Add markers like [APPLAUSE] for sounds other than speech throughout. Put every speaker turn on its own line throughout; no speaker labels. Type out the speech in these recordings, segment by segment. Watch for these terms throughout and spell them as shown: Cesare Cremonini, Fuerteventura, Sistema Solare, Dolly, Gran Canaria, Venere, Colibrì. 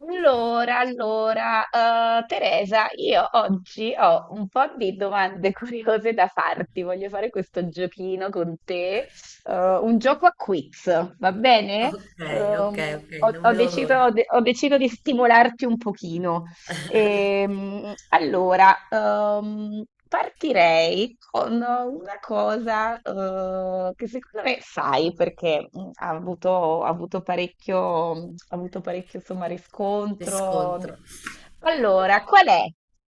Allora, allora, Teresa, io oggi ho un po' di domande [LAUGHS] curiose da farti. Voglio fare questo giochino con te, un gioco a quiz, va bene?
Ok, ok,
Ehm,
ok,
ho,
non
ho
vedo
deciso,
l'ora.
ho deciso di stimolarti un pochino.
[LAUGHS]
Partirei con una cosa, che secondo me sai perché ha avuto parecchio, insomma,
Mi
riscontro.
scontro.
Allora, qual è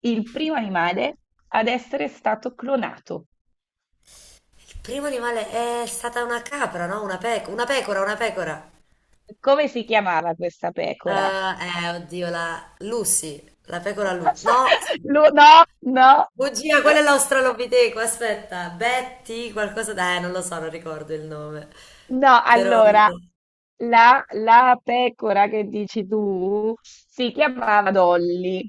il primo animale ad essere stato clonato?
Il primo animale è stata una capra, no? Una pecora, una pecora.
Come si chiamava questa pecora?
Oddio, la Lucy, la pecora Lu. No,
[LAUGHS] No, no.
bugia, quella è l'australopiteco, aspetta. Betty, qualcosa... da... non lo so, non ricordo il nome.
No,
Però...
allora, la pecora che dici tu si chiamava Dolly,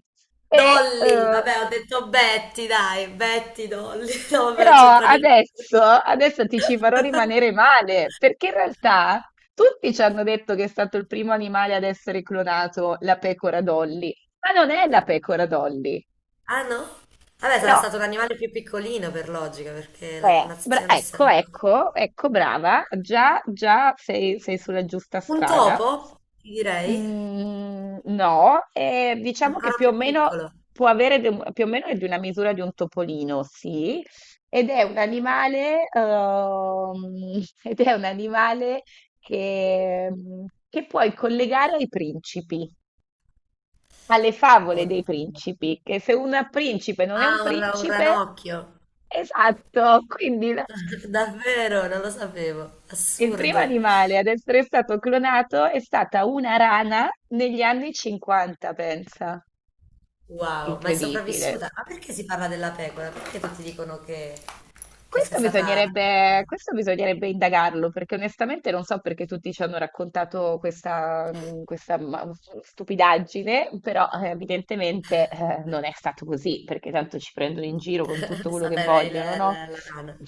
e,
Dolly,
eh,
vabbè, ho detto Betty, dai, Betty, Dolly. [LAUGHS] No, vabbè, non
però
c'entra niente.
adesso, adesso ti ci farò rimanere male, perché in realtà tutti ci hanno detto che è stato il primo animale ad essere clonato, la pecora Dolly, ma non è la pecora Dolly,
Ah no? Vabbè, sarà
no,
stato l'animale più piccolino per logica, perché la connazione
ecco,
essendo...
ecco, ecco, brava, già, già sei sulla giusta
Un
strada.
topo, ti direi,
Mhmm, no, diciamo che
ancora
più o
più
meno
piccolo.
può avere de un più o meno è di una misura di un topolino, sì, ed è un animale [LAUGHS] ed è un animale che che puoi collegare ai principi, alle favole dei
Oddio.
principi, che se un principe non è
Ah,
un
un
principe
ranocchio.
esatto, [LAUGHS] quindi la
[LAUGHS] Davvero, non lo sapevo.
il primo
Assurdo.
animale ad essere stato clonato è stata una rana negli anni '50, pensa.
Wow, ma è
Incredibile.
sopravvissuta. Ma perché si parla della pecora? Perché tutti dicono che sia stata la pecora?
Questo bisognerebbe indagarlo, perché onestamente non so perché tutti ci hanno raccontato questa, stupidaggine, però evidentemente non è stato così, perché tanto ci prendono in giro
[LAUGHS]
con tutto
È
quello che
stata il-
vogliono,
la,
no?
la, la rana.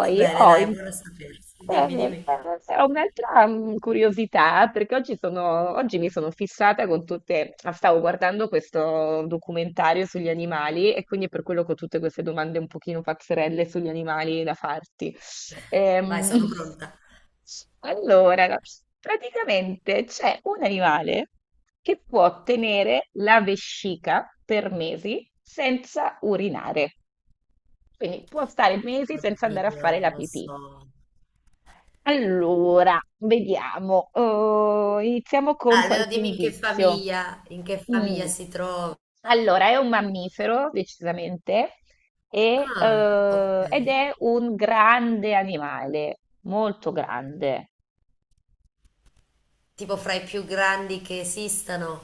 Va bene,
ho,
dai,
im-
buono a sapersi. Dimmi,
eh,
dimmi.
ho un'altra curiosità perché oggi mi sono fissata con stavo guardando questo documentario sugli animali e quindi per quello che ho tutte queste domande un pochino pazzerelle sugli animali da farti.
Vai,
Ehm,
sono
[LAUGHS]
pronta.
allora, praticamente c'è un animale che può tenere la vescica per mesi senza urinare. Quindi può stare mesi senza andare a
Oddio,
fare la
non lo
pipì.
so.
Allora, vediamo. Oh, iniziamo con
Ah, allora
qualche
dimmi
indizio.
in che famiglia
Mm.
si trova.
Allora, è un mammifero, decisamente,
Ah, ok.
ed è un grande animale, molto grande.
Tipo fra i più grandi che esistano.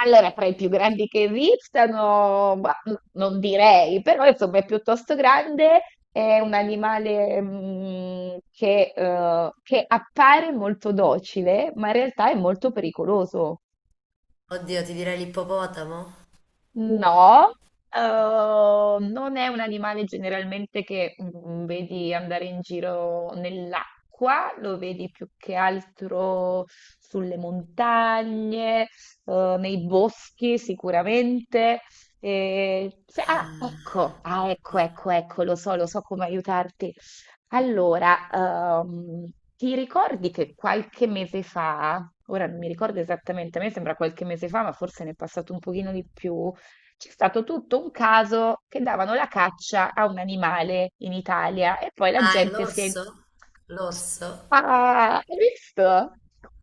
Allora, tra i più grandi che esistano, ma non direi, però insomma è piuttosto grande, è un animale che appare molto docile, ma in realtà è molto pericoloso.
Oddio, ti direi l'ippopotamo?
No, non è un animale generalmente che vedi andare in giro nell'acqua, lo vedi più che altro sulle montagne, nei boschi sicuramente.
Ah,
Ecco,
oddio.
ecco, ecco, lo so come aiutarti. Allora, ehm, ti ricordi che qualche mese fa, ora non mi ricordo esattamente, a me sembra qualche mese fa, ma forse ne è passato un pochino di più, c'è stato tutto un caso che davano la caccia a un animale in Italia e poi la
Ah, è
gente si è...
l'orso? L'orso?
Ah, hai visto?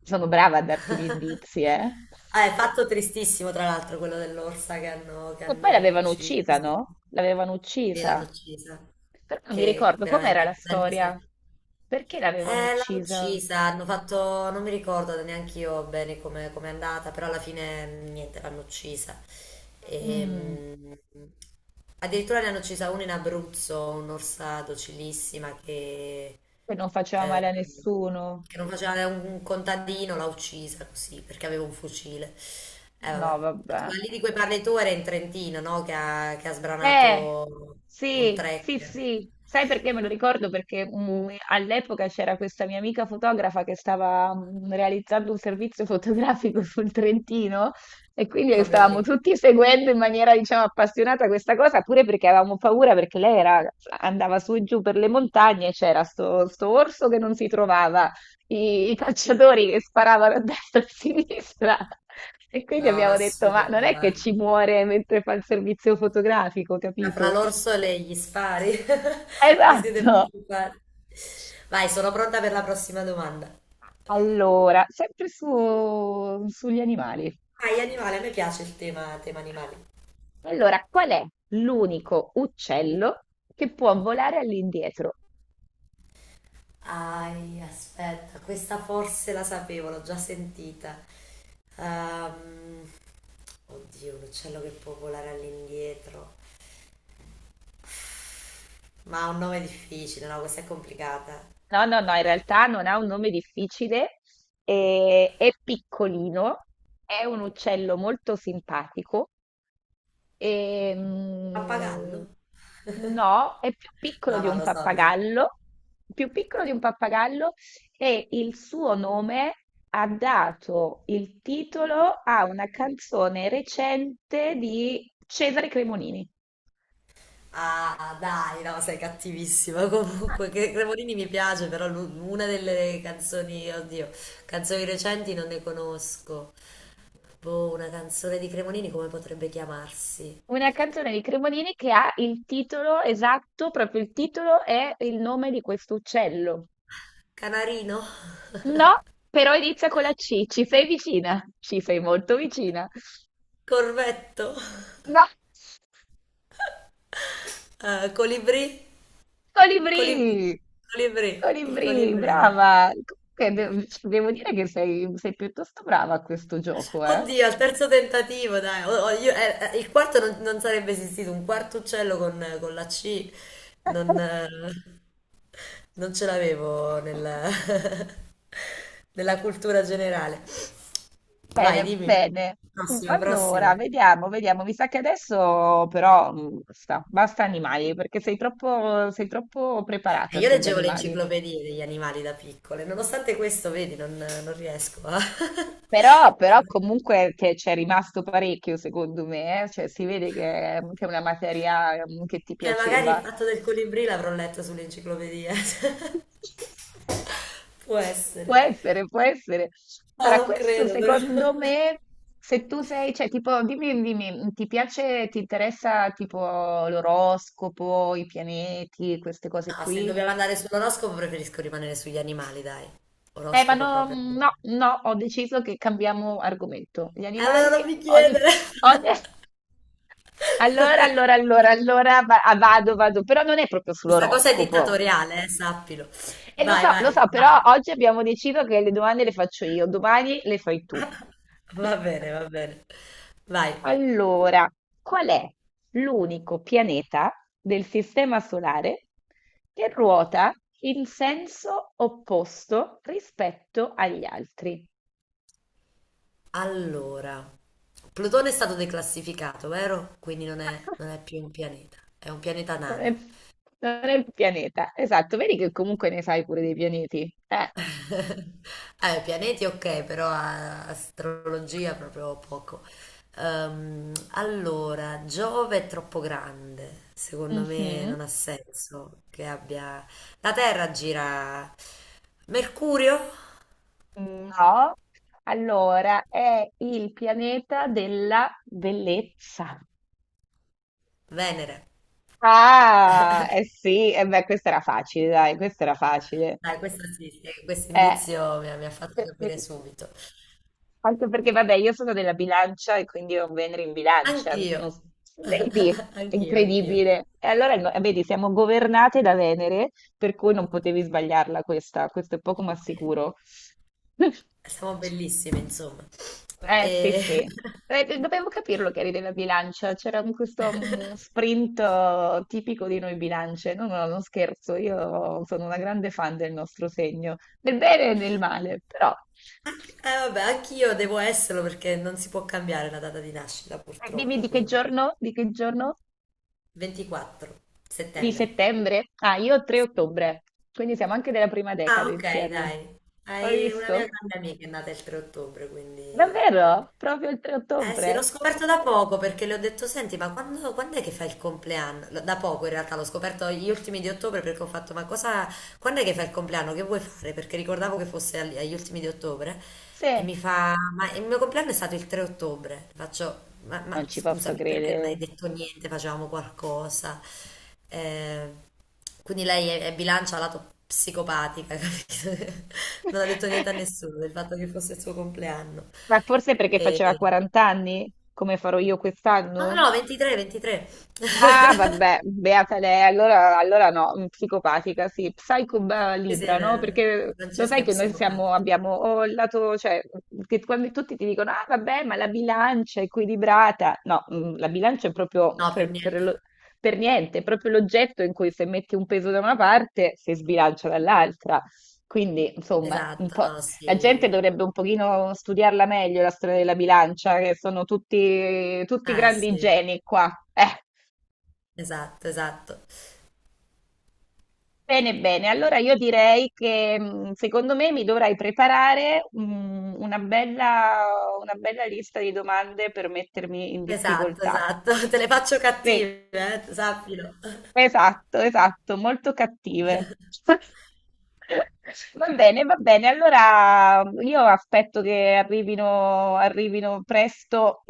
Sono brava a darti gli indizi, eh?
Ah, è fatto tristissimo, tra l'altro, quello dell'orsa che che
E poi
hanno
l'avevano uccisa,
ucciso.
no? L'avevano
Sì, l'hanno
uccisa.
uccisa.
Però non mi
Che
ricordo com'era
veramente,
la
la gente si è...
storia. Perché l'avevano
L'hanno
uccisa?
uccisa, hanno fatto, non mi ricordo neanche io bene come è andata, però alla fine niente, l'hanno uccisa.
Mm,
Ehm, addirittura ne hanno uccisa una in Abruzzo, un'orsa docilissima
che non faceva
eh,
male a nessuno.
che non faceva un contadino, l'ha uccisa così perché aveva un fucile.
No,
Vabbè.
vabbè.
Quelli di cui parli tu era in Trentino, no? Che ha
Eh,
sbranato un
sì, sì,
tracker
sì. Sai perché me lo ricordo? Perché all'epoca c'era questa mia amica fotografa che stava realizzando un servizio fotografico [LAUGHS] sul Trentino e quindi
proprio
stavamo
lì.
tutti seguendo in maniera, diciamo, appassionata questa cosa, pure perché avevamo paura perché lei era- andava su e giù per le montagne e c'era sto orso che non si trovava i calciatori che sparavano a destra e a sinistra. E quindi
No, ma
abbiamo detto, ma non
assurdo,
è che ci
guarda.
muore mentre fa il servizio fotografico,
Ma fra
capito?
l'orso e gli spari, [LAUGHS] mi siete
Esatto.
preoccupati. Vai, sono pronta per la prossima domanda.
Allora, sugli animali.
Ai animali, a me piace tema animali.
Allora, qual è l'unico uccello che può volare all'indietro?
Ai, aspetta, questa forse la sapevo, l'ho già sentita. Ehm, oddio, un uccello che può volare all'indietro. Ma ha un nome difficile, no? Questa è complicata.
No, no, no, in realtà non ha un nome difficile, è piccolino, è un uccello molto simpatico E, mm,
Pappagallo?
no, è più piccolo
No,
di un
lo so, lo so.
pappagallo, più piccolo di un pappagallo e il suo nome ha dato il titolo a una canzone recente di Cesare Cremonini.
Ah, dai, no, sei cattivissima. [LAUGHS] Comunque, che Cremonini mi piace, però una delle canzoni, oddio, canzoni recenti non ne conosco. Boh, una canzone di Cremonini come potrebbe chiamarsi?
Una canzone di Cremonini che ha il titolo esatto, proprio il titolo è il nome di questo uccello.
Canarino?
No, però inizia con la C, ci sei vicina, ci sei molto vicina.
Corvetto?
No.
Colibrì? Colibrì.
Colibrì!
Colibrì. Il
Colibrì,
colibrì, dai.
brava! Comunque cioè, devo dire che sei piuttosto brava a questo gioco, eh?
Oddio, al terzo tentativo, dai. Il quarto non sarebbe esistito, un quarto uccello con la C. Non.... Non ce l'avevo nella, [LAUGHS] nella cultura generale. Vai,
Bene,
dimmi.
bene.
Prossima,
Allora,
prossima.
vediamo, vediamo. Mi sa che adesso però basta, basta animali, perché sei troppo preparata
Io
sugli
leggevo le
animali.
enciclopedie degli animali da piccole, nonostante questo, vedi, non riesco a... [LAUGHS]
Però comunque che c'è rimasto parecchio, secondo me, eh? Cioè si vede che è una materia che ti
Magari il
piaceva.
fatto del colibrì l'avrò letto sull'enciclopedia. [LAUGHS]
[LAUGHS]
Può
Può
essere.
essere, può essere.
Ma
Allora,
non
questo
credo, però. [LAUGHS]
secondo me, se tu sei, cioè, tipo, dimmi, dimmi, ti piace, ti interessa, tipo, l'oroscopo, i pianeti, queste cose
No, se
qui?
dobbiamo andare sull'oroscopo preferisco rimanere sugli animali, dai. Oroscopo
No,
proprio. E
no, no, ho deciso che cambiamo argomento. Gli
allora
animali,
non mi chiedere.
ogni... [LAUGHS] Allora,
[LAUGHS]
allora, allora, allora, vado, vado, però non è proprio
Questa cosa è
sull'oroscopo.
dittatoriale, sappilo.
E
Vai, vai,
lo so, però
vai.
oggi abbiamo deciso che le domande le faccio io, domani le fai tu.
[LAUGHS] Va bene, va bene. Vai.
Allora, qual è l'unico pianeta del Sistema Solare che ruota in senso opposto rispetto agli altri?
Allora, Plutone è stato declassificato, vero? Quindi non è
[LAUGHS]
più un pianeta, è un pianeta
Non è,
nano.
non è il pianeta, esatto, vedi che comunque ne sai pure dei pianeti.
[LAUGHS] Pianeti ok, però astrologia proprio poco. Allora, Giove è troppo grande, secondo me
Mhm.
non ha senso che abbia... La Terra gira... Mercurio?
No, allora è il pianeta della bellezza.
Venere.
Ah, eh sì, e beh, questa era facile, dai, questa era facile.
Dai, questo sì, sì, questo
Eh,
indizio mi ha fatto
per-
capire
per-
subito.
anche perché, vabbè, io sono della bilancia e quindi ho un Venere in bilancia,
Anch'io,
non s- vedi,
[LAUGHS]
è
anch'io.
incredibile. Vedi, siamo governate da Venere, per cui non potevi sbagliarla questa, questo è poco ma
Quindi,
sicuro. [LAUGHS]
siamo bellissime, insomma.
Sì,
E...
sì. Dovevo capirlo che eri della bilancia, c'era un- questo mm,
[LAUGHS]
sprint tipico di noi bilance. No, no, non scherzo, io sono una grande fan del nostro segno, del bene e del male, però.
Vabbè, anch'io devo esserlo perché non si può cambiare la data di nascita,
Dimmi
purtroppo,
di che
quindi
giorno? Di che giorno?
24
Di
settembre.
settembre? Ah, io ho 3
Sì.
ottobre, quindi siamo anche della prima
Ah,
decade
ok, dai.
insieme. Hai
Hai una mia
visto?
grande amica che è nata il 3 ottobre, quindi...
Davvero? Proprio il 3
Eh sì, l'ho
ottobre?
scoperto da poco perché le ho detto, senti, ma quando è che fai il compleanno? Lo... Da poco in realtà l'ho scoperto gli ultimi di ottobre perché ho fatto, ma cosa, quando è che fai il compleanno? Che vuoi fare? Perché ricordavo che fosse agli ultimi di ottobre e
Sì,
mi fa, ma il mio compleanno è stato il 3 ottobre. Faccio,
non
ma
ci posso
scusami, perché non hai
credere.
detto niente? Facevamo qualcosa. Eh, quindi è bilancia lato psicopatica, [LAUGHS] capito? Non ha detto niente a
[LAUGHS]
nessuno del fatto che fosse il suo compleanno.
Ma forse perché
E...
faceva 40 anni, come farò io quest'anno?
No, 23, 23. [LAUGHS]
Ah, vabbè, beata lei, allora, allora no, psicopatica, sì,
Sì,
Libra, no?
beh,
Perché lo
Francesca
sai
è
che noi siamo,
psicopatica.
abbiamo o il lato, cioè, che quando tutti ti dicono, ah, vabbè, ma la bilancia è equilibrata, no, la bilancia è proprio
No, per niente.
per niente, è proprio l'oggetto in cui se metti un peso da una parte si sbilancia dall'altra, quindi, insomma, un
Esatto,
po'...
no,
La gente
sì.
dovrebbe un pochino studiarla meglio, la storia della bilancia, che sono tutti, tutti grandi
Sì,
geni qua.
esatto, esatto.
Bene, bene, allora io direi che secondo me mi dovrai preparare una bella lista di domande per mettermi in
Esatto,
difficoltà.
esatto. [LAUGHS] Te le faccio
Sì,
cattive, sappilo.
esatto, esatto, molto cattive. [LAUGHS] Va bene, allora io aspetto che arrivino, arrivino presto